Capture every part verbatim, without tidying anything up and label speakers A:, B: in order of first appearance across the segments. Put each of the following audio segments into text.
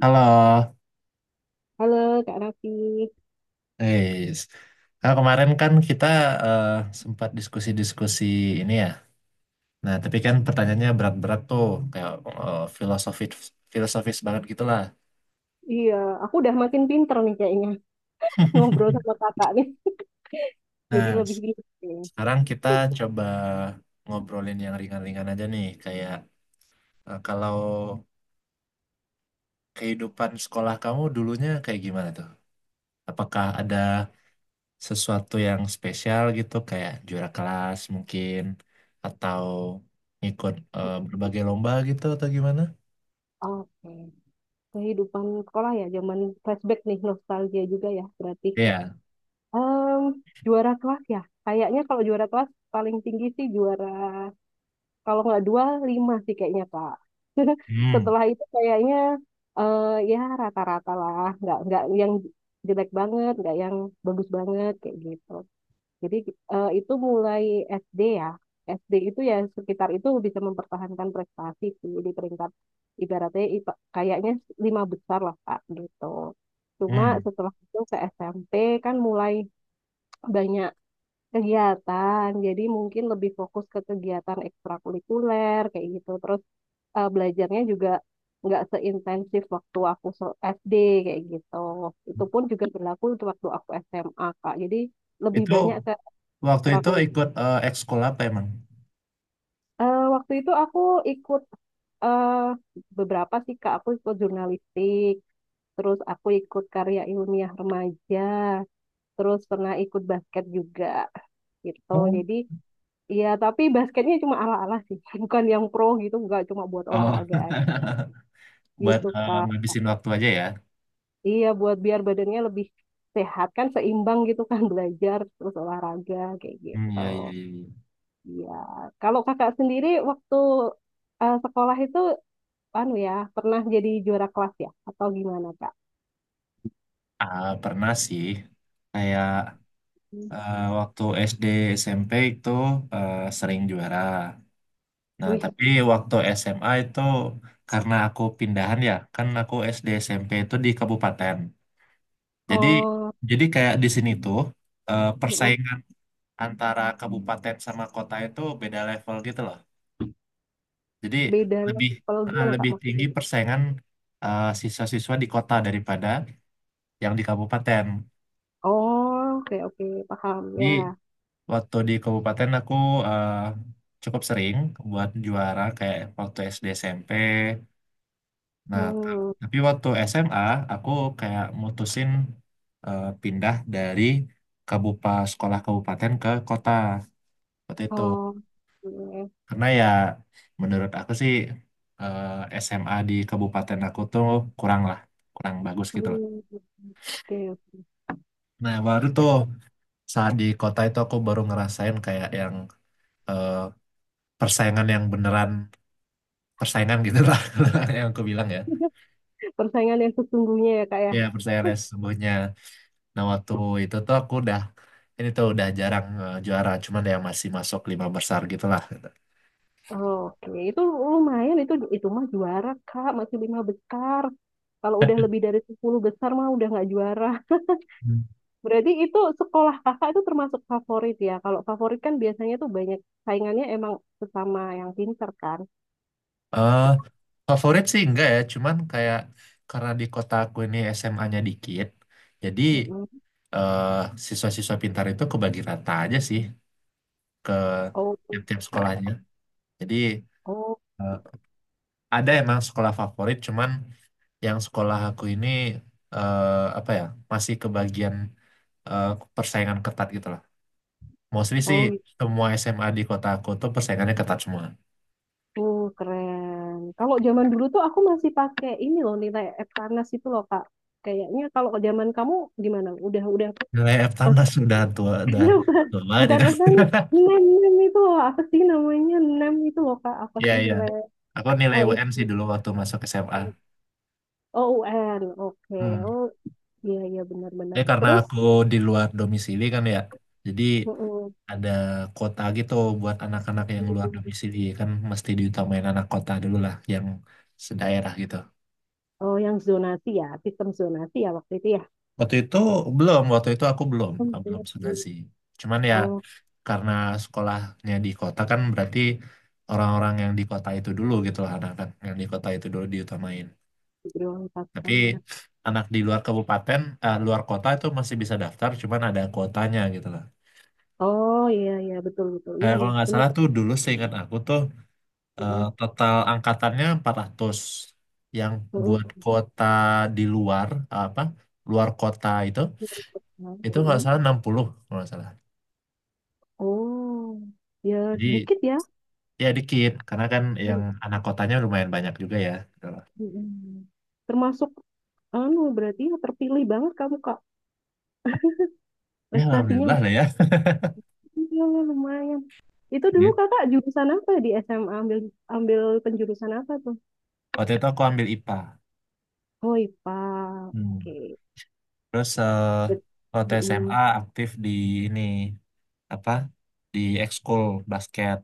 A: Halo,
B: Halo Kak Raffi.
A: guys. Nah, kemarin kan kita eh, sempat diskusi-diskusi ini ya. Nah, tapi kan pertanyaannya berat-berat tuh, kayak eh, filosofis filosofis banget gitulah.
B: Iya, aku udah makin pinter nih kayaknya ngobrol sama kakak nih. Jadi
A: Nah,
B: lebih pinter kayaknya.
A: sekarang kita coba ngobrolin yang ringan-ringan aja nih, kayak eh, kalau kehidupan sekolah kamu dulunya kayak gimana tuh? Apakah ada sesuatu yang spesial gitu kayak juara kelas mungkin atau ikut eh, berbagai lomba gitu atau gimana?
B: Oke, kehidupan sekolah ya, zaman flashback nih, nostalgia juga ya berarti.
A: Iya.
B: Em, juara kelas ya, kayaknya kalau juara kelas paling tinggi sih juara, kalau nggak dua, lima sih kayaknya Kak.
A: Hmm.
B: Setelah itu kayaknya eh ya rata-rata lah, nggak nggak yang jelek banget, nggak yang bagus banget kayak gitu. Jadi eh, itu mulai S D ya. S D itu ya sekitar itu bisa mempertahankan prestasi sih di peringkat ibaratnya ipa- kayaknya lima besar lah Kak gitu. Cuma
A: Hmm.
B: setelah itu ke S M P kan mulai banyak kegiatan. Jadi mungkin lebih fokus ke kegiatan ekstrakurikuler kayak gitu. Terus eh, belajarnya juga nggak seintensif waktu aku se- S D kayak gitu. Itu pun juga berlaku untuk waktu aku S M A Kak. Jadi lebih
A: Itu
B: banyak ke
A: waktu itu ikut eh, ekskul apa emang?
B: Eh, waktu itu aku ikut eh beberapa sih Kak, aku ikut jurnalistik, terus aku ikut karya ilmiah remaja, terus pernah ikut basket juga gitu.
A: Oh.
B: Jadi ya tapi basketnya cuma ala-ala sih, bukan yang pro gitu, nggak cuma buat
A: Oh.
B: olahraga aja
A: Buat
B: gitu
A: eh,
B: Kak.
A: ngabisin waktu aja ya.
B: Iya buat biar badannya lebih sehat kan seimbang gitu kan belajar terus olahraga kayak
A: Hmm,
B: gitu.
A: ya, ya, ya, ya.
B: Iya, kalau kakak sendiri waktu eh, sekolah itu anu ya pernah jadi juara kelas ya atau gimana kak?
A: Ah, pernah sih. Kayak
B: Hmm.
A: eh, waktu S D S M P itu eh, sering juara. Nah,
B: Wih,
A: tapi waktu S M A itu karena aku pindahan ya, kan aku S D S M P itu di kabupaten. Jadi
B: oh,
A: jadi kayak di sini tuh eh,
B: mm,
A: persaingan antara kabupaten sama kota itu beda level gitu loh. Jadi
B: beda
A: lebih
B: level
A: eh,
B: gimana kak
A: lebih tinggi
B: maksudnya?
A: persaingan eh, siswa-siswa di kota daripada yang di kabupaten.
B: Oh, oke oke paham
A: Jadi
B: ya.
A: waktu di kabupaten aku eh, cukup sering buat juara kayak waktu S D S M P. Nah, t-
B: Hmm,
A: tapi waktu S M A aku kayak mutusin eh, pindah dari kabupa sekolah kabupaten ke kota waktu itu.
B: oh oke.
A: Karena ya menurut aku sih eh, S M A di kabupaten aku tuh kurang lah, kurang bagus gitu loh.
B: Hmm, oke.
A: Nah, baru tuh saat di kota itu aku baru ngerasain kayak yang eh, persaingan yang beneran persaingan gitu lah yang aku bilang ya.
B: Persaingan yang sesungguhnya ya kak ya.
A: Ya, persaingan yang sesungguhnya. Nah, waktu itu tuh aku udah ini tuh udah jarang eh, juara, cuman ya masih masuk lima besar gitu lah.
B: Oke, itu lumayan, itu itu mah juara kak masih lima besar. Kalau udah lebih dari sepuluh besar mah udah nggak juara.
A: Hmm.
B: Berarti itu sekolah kakak itu termasuk favorit ya. Kalau favorit kan biasanya tuh banyak saingannya emang sesama yang pinter kan.
A: Eh, favorit sih enggak ya, cuman kayak karena di kota aku ini S M A-nya dikit, jadi
B: Mm-mm.
A: eh, siswa-siswa pintar itu kebagi rata aja sih ke
B: Oh,
A: tiap-tiap sekolahnya. Jadi
B: oh,
A: eh, ada emang sekolah favorit, cuman yang sekolah aku ini eh, apa ya, masih kebagian eh, persaingan ketat gitu lah. Mostly sih
B: oh,
A: semua S M A di kota aku tuh persaingannya ketat semua.
B: itu keren. Kalau zaman dulu tuh aku masih pakai ini loh nilai Eptanas itu loh Kak. Kayaknya kalau zaman kamu gimana? Udah udah
A: Nilai Eptanas sudah tua, udah
B: maksudnya bukan
A: tua banget
B: bukan
A: itu.
B: Eptanas, NEM NEM itu loh apa sih namanya NEM itu loh Kak? Apa
A: Iya,
B: sih
A: iya.
B: nilai
A: Aku nilai
B: eh,
A: U N
B: itu?
A: sih dulu waktu masuk S M A.
B: Oh U N. Oke.
A: Hmm.
B: Oh iya iya benar-benar.
A: Tapi karena
B: Terus
A: aku di luar domisili kan ya, jadi
B: mm
A: ada kota gitu buat anak-anak yang luar domisili kan mesti diutamain anak kota dulu lah yang sedaerah gitu.
B: Oh, yang zonasi ya, sistem zonasi ya waktu itu ya.
A: Waktu itu belum, waktu itu aku belum,
B: Oh,
A: aku belum
B: bener.
A: segazi. Cuman ya
B: Oh,
A: karena sekolahnya di kota kan berarti orang-orang yang di kota itu dulu gitu lah, anak-anak yang di kota itu dulu diutamain.
B: Grill empat
A: Tapi
B: kali.
A: anak di luar kabupaten, eh, luar kota itu masih bisa daftar, cuman ada kuotanya gitu lah.
B: Oh iya iya betul betul. Iya
A: Kayak kalau
B: iya
A: nggak
B: benar.
A: salah tuh dulu seingat aku tuh eh,
B: Mm-mm,
A: total angkatannya empat ratus, yang buat
B: mm-mm,
A: kota di luar apa luar kota itu itu nggak
B: mm-mm.
A: salah enam puluh kalau nggak salah.
B: Oh ya
A: Jadi,
B: sedikit ya.
A: ya dikit, karena kan yang
B: Mm,
A: anak kotanya lumayan banyak juga ya. Gitu loh.
B: mm-mm. Termasuk anu berarti ya terpilih banget kamu Kak
A: Ya alhamdulillah
B: prestasinya.
A: lah ya.
B: Iya lumayan. Itu dulu
A: Ini,
B: Kakak jurusan apa di S M A ambil ambil penjurusan apa tuh?
A: waktu itu aku ambil I P A.
B: Oh I P A.
A: Hmm.
B: Oke.
A: Terus eh,
B: Bet-
A: waktu S M A
B: mm-mm.
A: aktif di ini apa? Di ekskul basket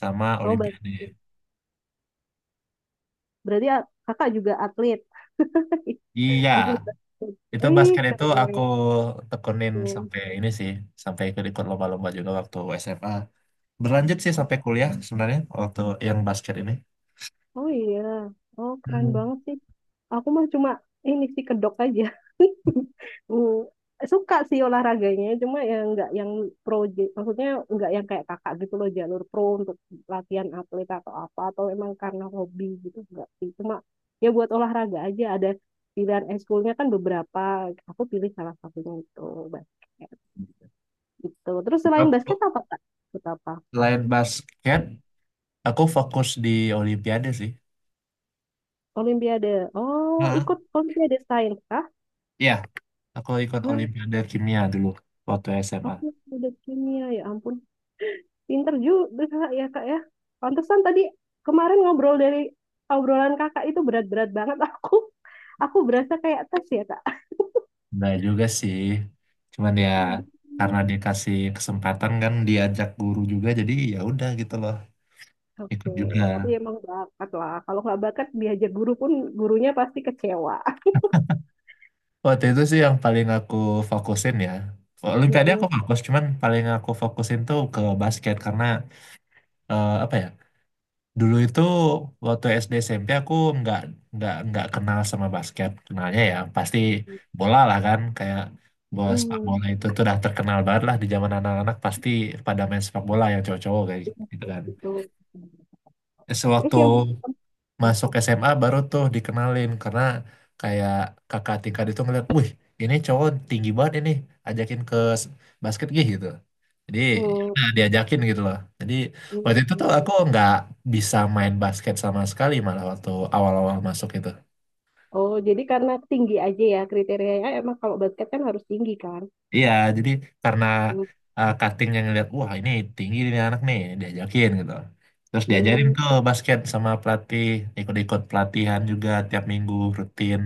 A: sama
B: Oh, baik.
A: Olimpiade.
B: Berarti a- kakak juga atlet. Atlet
A: Iya,
B: basket.
A: itu
B: Wih,
A: basket itu
B: keren.
A: aku tekunin sampai ini sih, sampai ikut-ikut lomba-lomba juga waktu S M A. Berlanjut sih sampai kuliah sebenarnya waktu yang basket ini.
B: Oh iya. Oh, keren
A: Hmm.
B: banget sih. Aku mah cuma ini sih kedok aja. Hmm, suka sih olahraganya, cuma ya nggak yang pro, j- maksudnya nggak yang kayak kakak gitu loh jalur pro untuk latihan atlet atau apa atau emang karena hobi gitu nggak sih. Cuma ya buat olahraga aja ada pilihan ekskulnya kan beberapa. Aku pilih salah satunya itu basket gitu. Terus selain
A: Aku,
B: basket apa kak? Ikut apa?
A: selain basket, aku fokus di Olimpiade sih.
B: Olimpiade. Oh,
A: Hmm.
B: ikut Olimpiade Sains kah?
A: Ya, aku ikut
B: Eh,
A: Olimpiade Kimia dulu waktu
B: oh,
A: S M A.
B: Olimpiade Kimia ya ampun. Pinter juga Kak, ya Kak ya. Pantesan tadi kemarin ngobrol dari obrolan Kakak itu berat-berat banget aku. Aku berasa kayak tes ya Kak.
A: Nah juga sih. Cuman ya
B: Aduh.
A: karena dikasih kesempatan kan diajak guru juga jadi ya udah gitu loh ikut
B: Oke, tapi
A: juga.
B: emang bakat lah. Kalau nggak bakat diajar guru pun gurunya pasti kecewa.
A: Waktu itu sih yang paling aku fokusin ya. Olimpiade aku
B: Mm-mm.
A: fokus, cuman paling aku fokusin tuh ke basket karena eh, apa ya? Dulu itu waktu S D S M P aku nggak nggak nggak kenal sama basket, kenalnya ya pasti bola lah kan, kayak bola sepak
B: Mm.
A: bola itu tuh udah terkenal banget lah di zaman anak-anak pasti pada main sepak bola yang cowok-cowok kayak gitu kan.
B: Gitu. Terus
A: Sewaktu,
B: yang
A: oh,
B: bikin-
A: masuk S M A baru tuh dikenalin karena kayak kakak tingkat itu ngeliat, wih ini cowok tinggi banget ini, ajakin ke s- basket gih gitu. Jadi ya
B: Hmm.
A: udah diajakin gitu loh. Jadi waktu itu tuh
B: Hmm.
A: aku nggak bisa main basket sama sekali malah waktu awal-awal masuk itu.
B: Oh, jadi karena tinggi aja ya kriterianya emang kalau basket kan harus tinggi kan?
A: Iya, jadi karena
B: Hmm.
A: uh, cutting yang ngeliat, wah ini tinggi ini anak nih, diajakin gitu. Terus diajarin
B: Hmm.
A: tuh basket sama pelatih, ikut-ikut pelatihan juga tiap minggu rutin.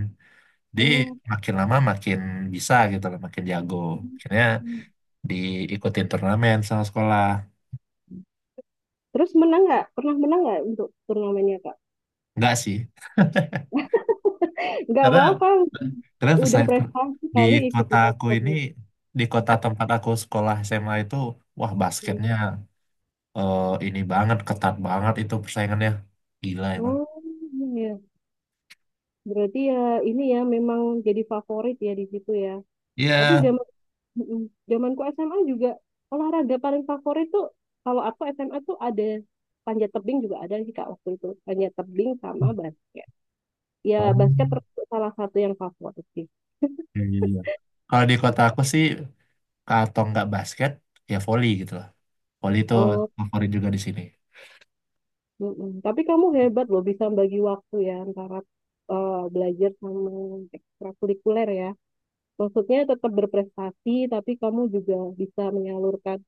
A: di
B: Oh.
A: Makin lama makin bisa gitu loh, makin jago. Akhirnya diikutin turnamen sama sekolah.
B: Terus menang nggak? Pernah menang nggak untuk turnamennya Kak?
A: Enggak sih,
B: Nggak
A: karena
B: apa-apa,
A: karena
B: udah
A: pesaing tur-
B: prestasi
A: di
B: kali ikut
A: kota aku ini,
B: turnamen.
A: di kota tempat aku sekolah S M A itu, wah basketnya eh, ini banget, ketat banget itu persaingannya. Gila emang.
B: Oh, iya. Berarti ya ini ya memang jadi favorit ya di situ ya. Tapi
A: Iya.
B: zaman mm, zamanku S M A juga olahraga paling favorit tuh, kalau aku S M A tuh ada panjat tebing juga ada sih Kak waktu itu. Panjat tebing sama basket. Ya,
A: Oh,
B: basket termasuk salah satu yang favorit sih.
A: iya, iya, iya. Kalau di kota aku sih, atau nggak basket, ya volley gitu loh. Volley itu
B: Oh,
A: favorit juga di sini.
B: mm-mm. Tapi kamu hebat loh bisa bagi waktu ya antara eh, belajar sama ekstrakurikuler ya. Maksudnya tetap berprestasi, tapi kamu juga bisa menyalurkan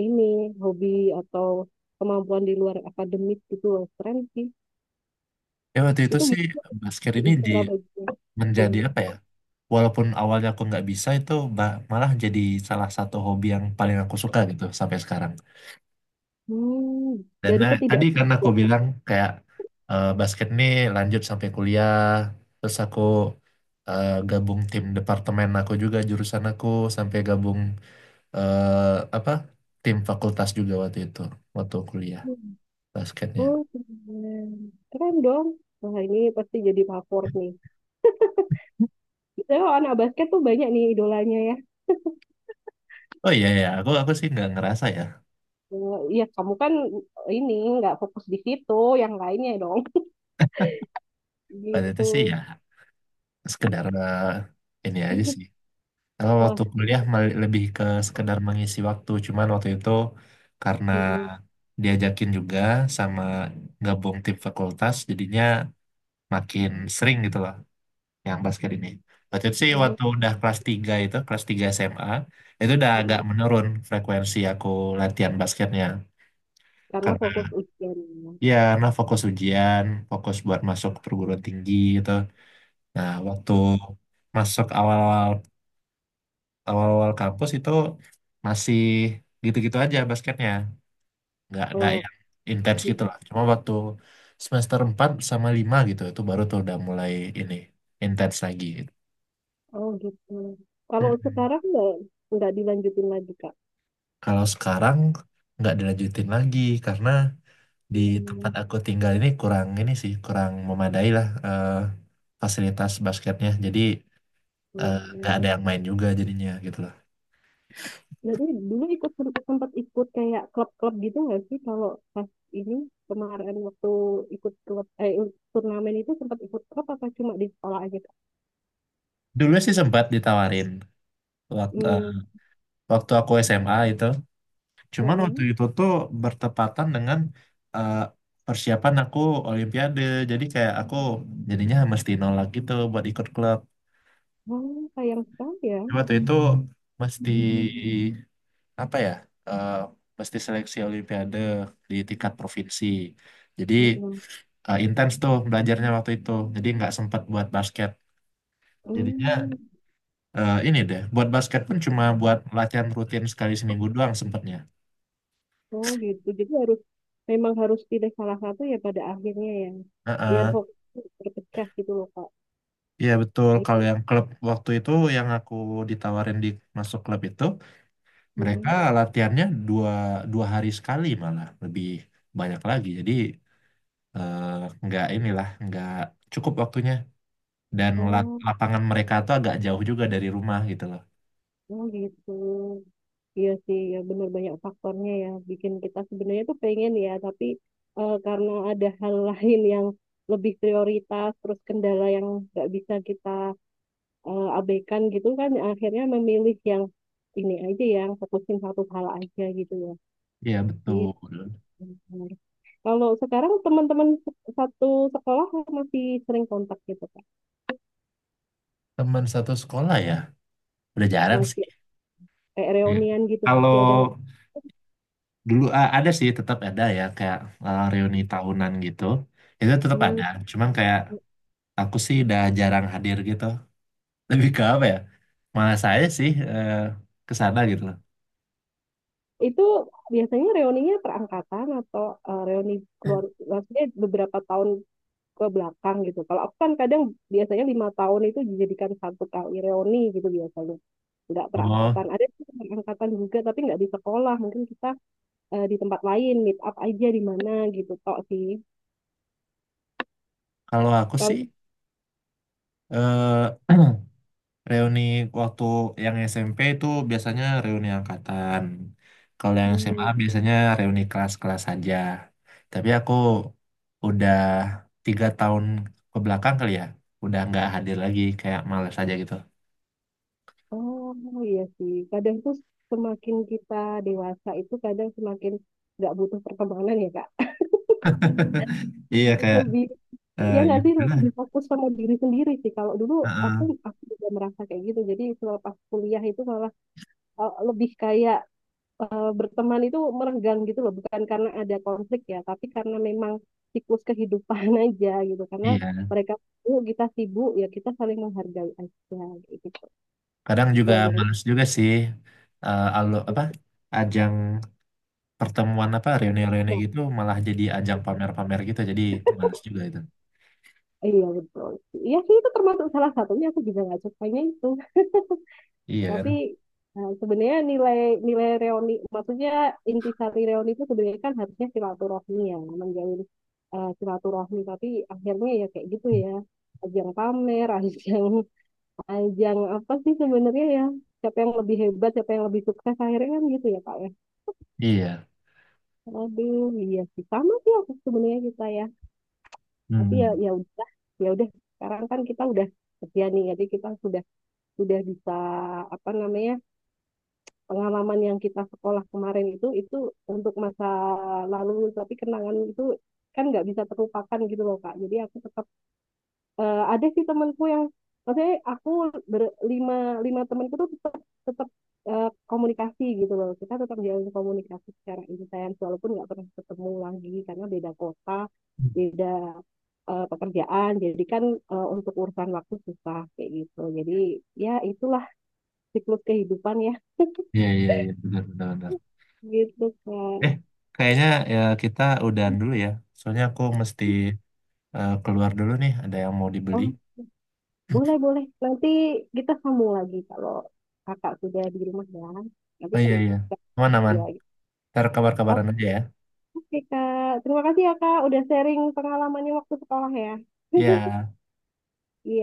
B: ini hobi atau kemampuan di luar akademik gitu loh. Keren sih.
A: Ya waktu itu
B: Itu
A: sih
B: gitu
A: basket ini di
B: cara bagi
A: menjadi
B: waktunya.
A: apa ya? Walaupun awalnya aku nggak bisa itu ba- malah jadi salah satu hobi yang paling aku suka gitu sampai sekarang.
B: Hmm,
A: Dan
B: dari
A: eh, tadi karena aku
B: ketidaksukaan.
A: bilang kayak eh, basket nih lanjut sampai kuliah, terus aku eh, gabung tim departemen aku juga jurusan aku sampai gabung eh, apa tim fakultas juga waktu itu waktu kuliah basketnya.
B: Oh, keren. Keren dong. Wah, ini pasti jadi favorit nih. Biasanya kalau anak basket tuh banyak nih idolanya ya.
A: Oh iya ya, aku aku sih nggak ngerasa ya.
B: Eh, Ya kamu kan ini nggak fokus di situ, yang lainnya dong
A: Pada itu sih
B: gitu.
A: ya sekedar eh, ini aja sih. Kalau
B: Wah,
A: waktu kuliah mal- lebih ke sekedar mengisi waktu, cuman waktu itu karena
B: mm-mm.
A: diajakin juga sama gabung tim fakultas, jadinya makin sering gitu loh yang basket ini. Waktu itu sih
B: Oh,
A: waktu udah kelas tiga itu, kelas tiga S M A, itu udah agak
B: mm-mm.
A: menurun frekuensi aku latihan basketnya.
B: Karena
A: Karena
B: fokus ujian.
A: ya karena fokus ujian, fokus buat masuk perguruan tinggi gitu. Nah, waktu masuk awal-awal awal-awal kampus itu masih gitu-gitu aja basketnya nggak nggak
B: Oh,
A: yang intens gitu
B: mm-mm.
A: lah, cuma waktu semester empat sama lima gitu itu baru tuh udah mulai ini intens lagi gitu.
B: Oh gitu. Kalau
A: Mhm.
B: sekarang nggak nggak dilanjutin lagi Kak.
A: Kalau sekarang nggak dilanjutin lagi karena di tempat
B: Hmm,
A: aku tinggal ini kurang ini sih kurang memadai lah eh, fasilitas basketnya, jadi eh, nggak
B: hmm.
A: ada yang main juga jadinya gitu loh.
B: Jadi dulu ikut sempat, sempat ikut kayak klub-klub gitu nggak sih, kalau pas ini kemarin waktu ikut klub eh turnamen itu sempat ikut klub apa cuma di sekolah aja Kak?
A: Dulu sih sempat ditawarin waktu,
B: Hmm.
A: waktu aku S M A itu. Cuman waktu
B: Mm-mm.
A: itu tuh bertepatan dengan eh, persiapan aku Olimpiade. Jadi kayak aku jadinya mesti nolak gitu buat ikut klub.
B: Oh, sayang sekali ya.
A: Jadi waktu itu mesti
B: Hmm,
A: apa ya? eh, mesti seleksi Olimpiade di tingkat provinsi. Jadi
B: mm-mm.
A: eh, intens tuh belajarnya waktu itu. Jadi nggak sempat buat basket.
B: Hmm,
A: Jadinya eh, ini deh, buat basket pun cuma buat latihan rutin sekali seminggu doang sempatnya.
B: oh gitu. Jadi harus memang harus pilih salah satu ya pada akhirnya ya. Biar fokus terpecah gitu loh Kak.
A: Iya betul,
B: Itu.
A: kalau yang klub waktu itu yang aku ditawarin di masuk klub itu, mereka
B: Mm-mm.
A: latihannya dua, dua hari sekali malah, lebih banyak lagi. Jadi eh, nggak inilah, nggak cukup waktunya. Dan la-
B: Oh,
A: lapangan mereka tuh agak jauh juga dari rumah gitu loh.
B: oh gitu. Iya sih, ya bener banyak faktornya ya. Bikin kita sebenarnya tuh pengen ya, tapi eh, karena ada hal lain yang lebih prioritas, terus kendala yang nggak bisa kita eh, abekan gitu kan akhirnya memilih yang ini aja yang fokusin satu hal aja gitu ya.
A: Iya
B: Gitu.
A: betul.
B: Benar. Kalau sekarang teman-teman se- satu sekolah masih sering kontak gitu kan,
A: Teman satu sekolah ya, udah jarang sih.
B: masih eh,
A: Iya.
B: reunian gitu masih
A: Kalau
B: ada nggak?
A: dulu a- ada sih, tetap ada ya kayak eh, reuni tahunan gitu. Itu tetap ada,
B: Hmm.
A: cuman kayak aku sih udah jarang hadir gitu. Lebih ke apa ya? Malah saya sih eh, ke sana gitu loh.
B: Itu biasanya reuninya perangkatan atau eh, reuni keluar, maksudnya beberapa tahun ke belakang gitu. Kalau aku kan kadang biasanya lima tahun itu dijadikan satu kali reuni gitu biasanya. Nggak perangkatan,
A: Oh,
B: ada sih perangkatan juga, tapi nggak di sekolah, mungkin kita eh, di tempat lain meet up aja di mana gitu tok sih.
A: kalau aku sih
B: Kalau
A: eh reuni waktu yang S M P itu biasanya reuni angkatan. Kalau yang S M A
B: hmm,
A: biasanya reuni kelas-kelas saja. Tapi aku udah tiga tahun ke belakang kali ya, udah nggak hadir lagi, kayak males aja gitu.
B: oh iya sih kadang tuh semakin kita dewasa itu kadang semakin nggak butuh pertemanan ya kak,
A: Iya kayak
B: lebih,
A: eh
B: ya
A: ya
B: nggak sih
A: udahlah.
B: lebih fokus sama diri sendiri sih. Kalau dulu aku
A: Heeh.
B: aku juga merasa kayak gitu, jadi selepas kuliah itu malah eh, lebih kayak eh, berteman itu merenggang gitu loh, bukan karena ada konflik ya, tapi karena memang siklus kehidupan aja gitu. Karena
A: Iya,
B: mereka sibuk, kita sibuk, ya kita saling menghargai aja gitu.
A: kadang juga
B: Tuh, jadi
A: males juga sih eh alu apa ajang pertemuan apa reuni-reuni
B: ya,
A: gitu malah jadi ajang pamer-pamer gitu, jadi males juga itu.
B: iya betul. Iya sih itu termasuk salah satunya aku juga nggak sukanya itu.
A: Iya kan.
B: Tapi eh, sebenarnya nilai nilai reuni, maksudnya intisari reuni itu sebenarnya kan harusnya silaturahmi ya, menjalin eh, silaturahmi. Tapi akhirnya ya kayak gitu ya, ajang pamer, ajang ajang apa sih sebenarnya ya, siapa yang lebih hebat, siapa yang lebih sukses akhirnya kan gitu ya Kak ya.
A: Iya.
B: Aduh iya sih, sama sih aku sebenarnya, kita ya. Tapi ya,
A: Hmm.
B: ya udah ya udah sekarang kan kita udah kerja nih, jadi kita sudah sudah bisa apa namanya, pengalaman yang kita sekolah kemarin itu itu untuk masa lalu, tapi kenangan itu kan nggak bisa terlupakan gitu loh Kak. Jadi aku tetap eh, ada sih temenku yang, maksudnya aku berlima, lima temenku tuh tetap tetap eh, komunikasi gitu loh, kita tetap jalan komunikasi secara intens walaupun nggak pernah ketemu lagi karena beda kota, beda eh, pekerjaan, jadi kan eh, untuk urusan waktu susah kayak gitu. Jadi ya itulah siklus kehidupan ya
A: Iya, iya, iya, benar, benar, benar.
B: gitu kan.
A: eh Kayaknya ya kita udahan dulu ya, soalnya aku mesti eh, keluar dulu nih, ada yang mau dibeli.
B: Oh boleh boleh, nanti kita sambung lagi kalau kakak sudah di rumah ya
A: Oh
B: nanti
A: iya iya,
B: kita-
A: mana man
B: ya.
A: ntar kabar-kabaran
B: Oke.
A: aja ya.
B: Oke, Kak. Terima kasih ya, Kak, udah sharing pengalamannya waktu sekolah ya.
A: Iya.
B: Iya.